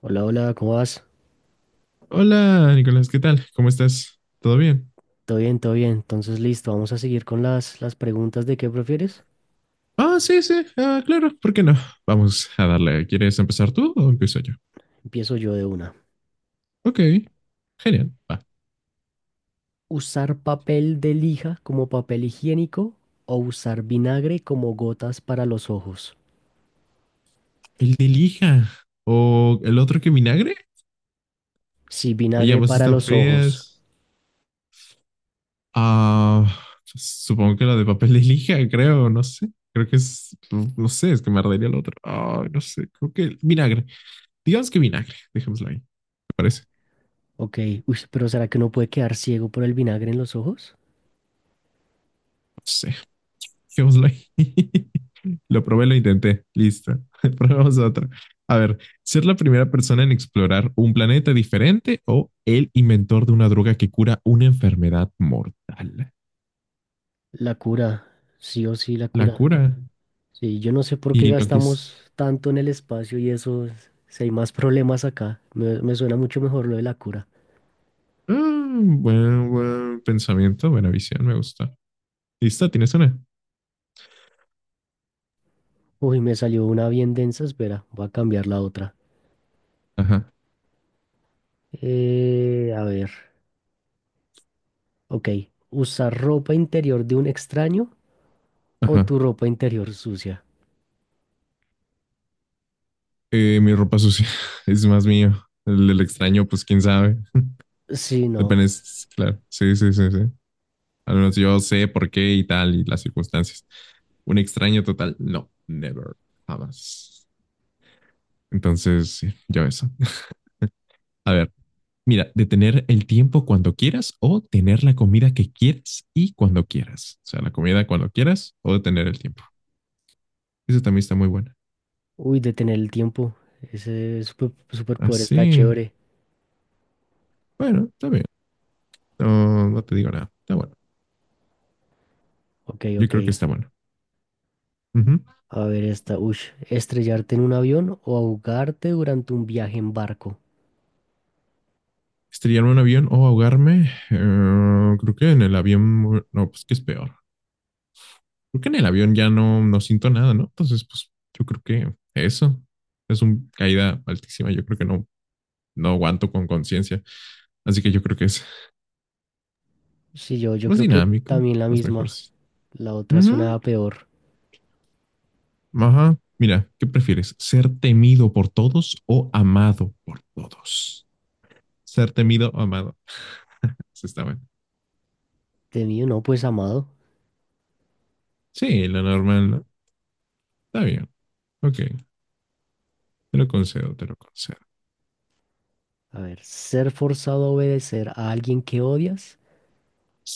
Hola, hola, ¿cómo vas? Hola, Nicolás, ¿qué tal? ¿Cómo estás? ¿Todo bien? Todo bien, todo bien. Entonces, listo, vamos a seguir con las preguntas de qué prefieres. Ah, sí, sí, ah, claro, ¿por qué no? Vamos a darle. ¿Quieres empezar tú o empiezo yo? Empiezo yo de una. Ok, genial, va. ¿Usar papel de lija como papel higiénico o usar vinagre como gotas para los ojos? El de lija o el otro que vinagre. Sí, Oye, vinagre ambas para están los ojos. frías. Ah, supongo que la de papel de lija, creo, no sé. Creo que es, no sé, es que me ardería el otro. Ay, no sé, creo que el vinagre. Digamos que vinagre, dejémoslo ahí, ¿te parece? Ok, uy, pero ¿será que uno puede quedar ciego por el vinagre en los ojos? No sé, dejémoslo ahí. Lo probé, lo intenté. Listo. Probemos otro. A ver, ser la primera persona en explorar un planeta diferente o el inventor de una droga que cura una enfermedad mortal. La cura, sí o sí, la La cura. cura. Sí, yo no sé por qué Y no quis. gastamos tanto en el espacio y eso, si hay más problemas acá. Me suena mucho mejor lo de la cura. Ah, buen, buen pensamiento, buena visión, me gusta. Listo, ¿tienes una? Uy, me salió una bien densa, espera, voy a cambiar la otra. Ajá, A ver, ok. ¿Usar ropa interior de un extraño o ajá. tu ropa interior sucia? Mi ropa sucia es más mío. El extraño, pues quién sabe. Sí, no. Depende, claro. Sí, sí, sí, sí. Al menos yo sé por qué y tal y las circunstancias. Un extraño total, no, never, jamás. Entonces, sí, yo eso. A ver, mira, detener el tiempo cuando quieras o tener la comida que quieras y cuando quieras. O sea, la comida cuando quieras o detener el tiempo. Eso también está muy buena. Uy, detener el tiempo. Ese superpoder está Así, chévere. bueno, está bien. No, no te digo nada. Está bueno. Ok, Yo ok. creo que está bueno. Ujú. A ver esta. Uy, ¿estrellarte en un avión o ahogarte durante un viaje en barco? Estrellarme en un avión o ahogarme. Creo que en el avión, no, pues que es peor. Creo que en el avión ya no, no siento nada, ¿no? Entonces, pues yo creo que eso es una caída altísima. Yo creo que no, no aguanto con conciencia. Así que yo creo que es Sí, yo más creo que dinámico, también la más mejor. misma. La otra Ujú, suena peor. ajá. Mira, ¿qué prefieres? ¿Ser temido por todos o amado por todos? Ser temido o amado. Sí, está bueno. De no, pues amado. Sí, lo normal, ¿no? Está bien. Ok. Te lo concedo, te lo concedo. A ver, ¿ser forzado a obedecer a alguien que odias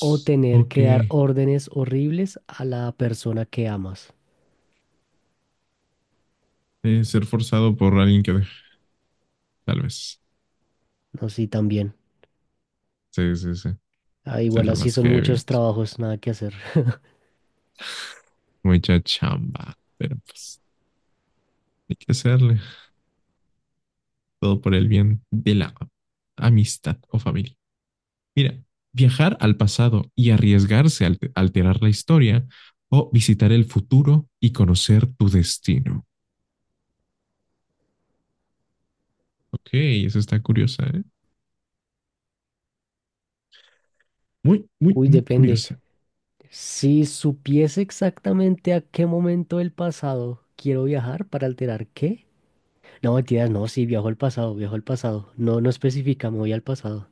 o tener Ok. que dar órdenes horribles a la persona que amas? Ser forzado por alguien que... Tal vez. No, sí, también. Sí, sí, sí. Ah, igual Será así más son heavy. muchos trabajos, nada que hacer. Mucha chamba. Pero pues hay que hacerle todo por el bien de la amistad o familia. Mira, viajar al pasado y arriesgarse a al alterar la historia o visitar el futuro y conocer tu destino. Ok, eso está curiosa, ¿eh? Muy, muy, Uy, muy depende. curiosa. Si supiese exactamente a qué momento del pasado quiero viajar para alterar qué. No, mentiras, no, sí, viajo al pasado, viajo al pasado. No, no especifica, me voy al pasado.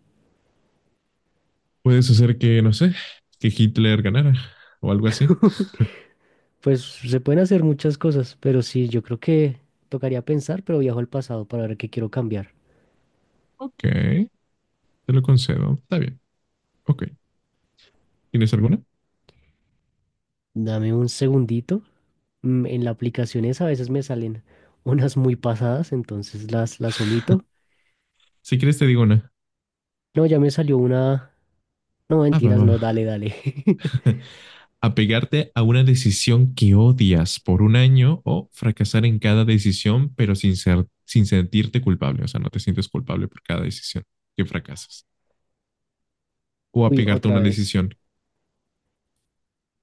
Puedes hacer que, no sé, que Hitler ganara o algo así. Pues se pueden hacer muchas cosas, pero sí, yo creo que tocaría pensar, pero viajo al pasado para ver qué quiero cambiar. Ok, te lo concedo. Está bien. Ok. ¿Tienes alguna? Dame un segundito. En las aplicaciones a veces me salen unas muy pasadas, entonces las omito. Si quieres te digo una. No, ya me salió una... No, Ah, va, mentiras, no, va. dale, dale. Apegarte a una decisión que odias por un año o fracasar en cada decisión, pero sin sentirte culpable. O sea, no te sientes culpable por cada decisión que fracasas. O Uy, apegarte a otra una vez. decisión.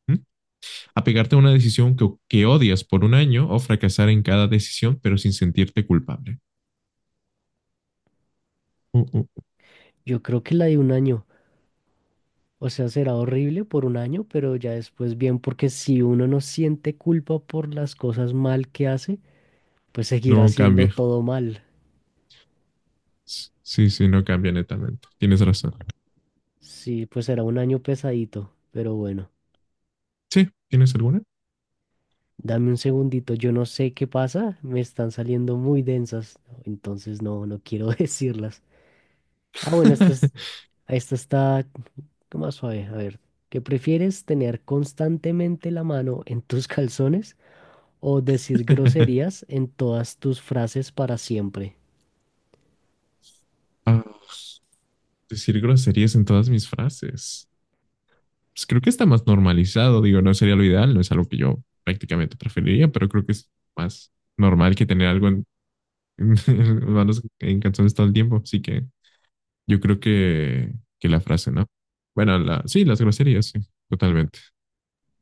¿Mm? Apegarte a una decisión que odias por un año o fracasar en cada decisión, pero sin sentirte culpable. Uh, uh, uh. Yo creo que la de un año. O sea, será horrible por un año, pero ya después bien, porque si uno no siente culpa por las cosas mal que hace, pues seguirá No haciendo cambia. todo mal. Sí, sí, no cambia netamente. Tienes razón. Sí, pues será un año pesadito, pero bueno. Sí, ¿tienes alguna? Dame un segundito, yo no sé qué pasa, me están saliendo muy densas. No, entonces no, no quiero decirlas. Ah, bueno, esta, esta está más suave. A ver, ¿qué prefieres tener constantemente la mano en tus calzones o decir groserías en todas tus frases para siempre? Ah, decir groserías en todas mis frases. Pues creo que está más normalizado, digo, no sería lo ideal, no es algo que yo prácticamente preferiría, pero creo que es más normal que tener algo en, manos- en canciones todo el tiempo, así que yo creo que la frase, ¿no? Bueno, la, sí, las groserías, sí, totalmente.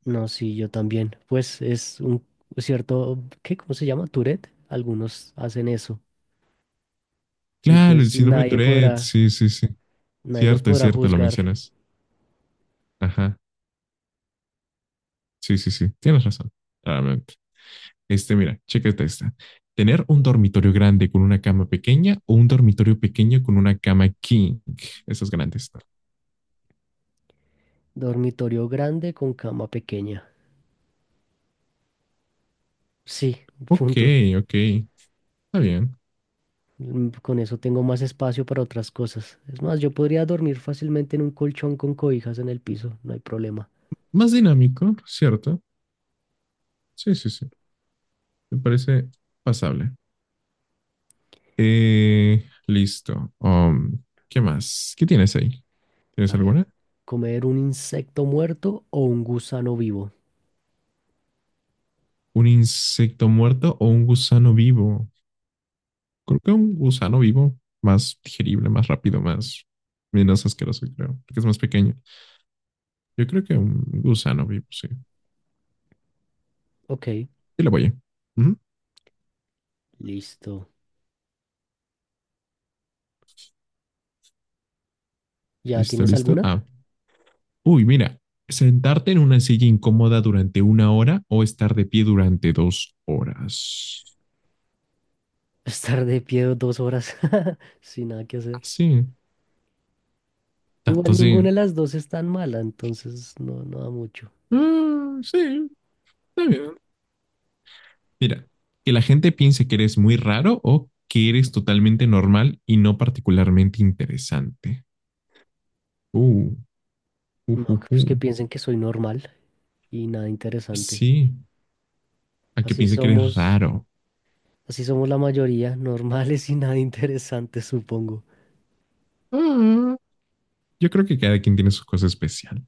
No, sí, yo también. Pues es un cierto, ¿qué? ¿Cómo se llama? Tourette. Algunos hacen eso. Y Claro, el pues síndrome de Tourette, sí, sí, sí. nadie nos Cierto, es podrá cierto, lo juzgar. mencionas. Ajá, sí, sí, sí, tienes razón, claramente. Este, mira, chécate esta. Tener un dormitorio grande con una cama pequeña o un dormitorio pequeño con una cama king. Esos grandes. Dormitorio grande con cama pequeña. Sí, Ok, punto. ok. Está bien. Con eso tengo más espacio para otras cosas. Es más, yo podría dormir fácilmente en un colchón con cobijas en el piso, no hay problema. Más dinámico, ¿cierto? Sí, sí, sí. Me parece pasable. Listo. ¿Qué más? ¿Qué tienes ahí? A ¿Tienes ver, alguna? comer un insecto muerto o un gusano vivo. ¿Un insecto muerto o un gusano vivo? Creo que un gusano vivo más digerible, más rápido, más menos asqueroso, creo, porque es más pequeño. Yo creo que un gusano vivo, sí. Sí, Ok, la voy. Ujú. listo. ¿Ya ¿Listo, tienes listo? alguna? Ah. Uy, mira. Sentarte en una silla incómoda durante una hora o estar de pie durante dos horas. Estar de pie 2 horas sin nada que Ah, hacer. sí, tanto Igual ninguna sí. de las dos es tan mala, entonces no, no da mucho. Ah, sí, está bien. Mira, que la gente piense que eres muy raro o que eres totalmente normal y no particularmente interesante. Uh, uh, No, uh, pues uh. que piensen que soy normal y nada interesante. Sí, a que Así piense que eres somos, raro. así somos la mayoría, normales y nada interesantes, supongo. Ah, yo creo que cada quien tiene sus cosas especial.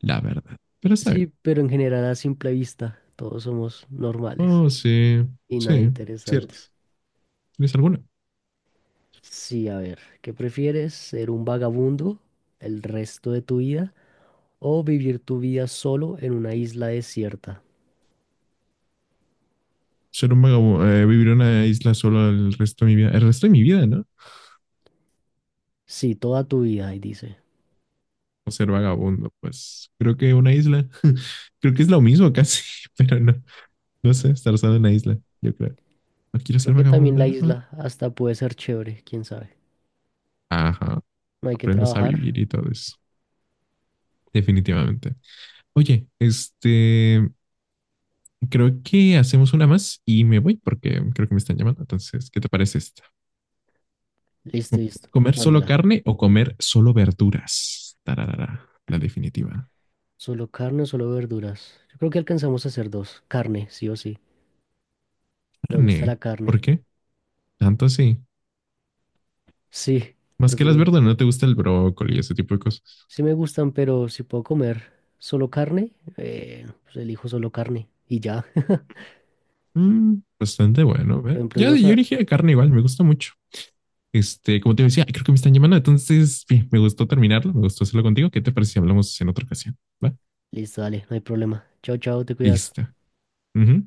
La verdad. Pero está bien. Sí, pero en general a simple vista todos somos normales Oh, sí, y nada sí. Cierto. interesantes. ¿Tienes alguna? Sí, a ver, ¿qué prefieres? ¿Ser un vagabundo el resto de tu vida o vivir tu vida solo en una isla desierta? Ser un vagabundo, vivir en una isla solo el resto de mi vida. El resto de mi vida, ¿no? Sí, toda tu vida, ahí dice. O ser vagabundo, pues creo que una isla, creo que es lo mismo casi, pero no, no sé, estar solo en una isla, yo creo. No quiero Creo ser que también vagabundo, la no. No. isla hasta puede ser chévere, quién sabe. Ajá, No hay que aprendes a trabajar. vivir y todo eso, definitivamente. Oye, este, creo que hacemos una más y me voy porque creo que me están llamando, entonces, ¿qué te parece esta? Listo, listo. ¿Comer solo Mándala. carne o comer solo verduras? Tararara, la definitiva. Solo carne o solo verduras. Yo creo que alcanzamos a hacer dos. Carne, sí o sí. Me gusta la Carne. carne. ¿Por qué? Tanto así. Sí, Más que las prefiero verduras, no te gusta el brócoli y ese tipo de cosas. sí me gustan, pero si puedo comer solo carne, pues elijo solo carne y ya. Mm, bastante bueno, Por ¿ve? ejemplo, en Ya los... yo dije carne igual, me gusta mucho. Este, como te decía, creo que me están llamando, entonces bien, me gustó terminarlo, me gustó hacerlo contigo. ¿Qué te parece si hablamos en otra ocasión? ¿Va? Listo, dale, no hay problema. Chao, chao, te cuidas. Listo. Ujú.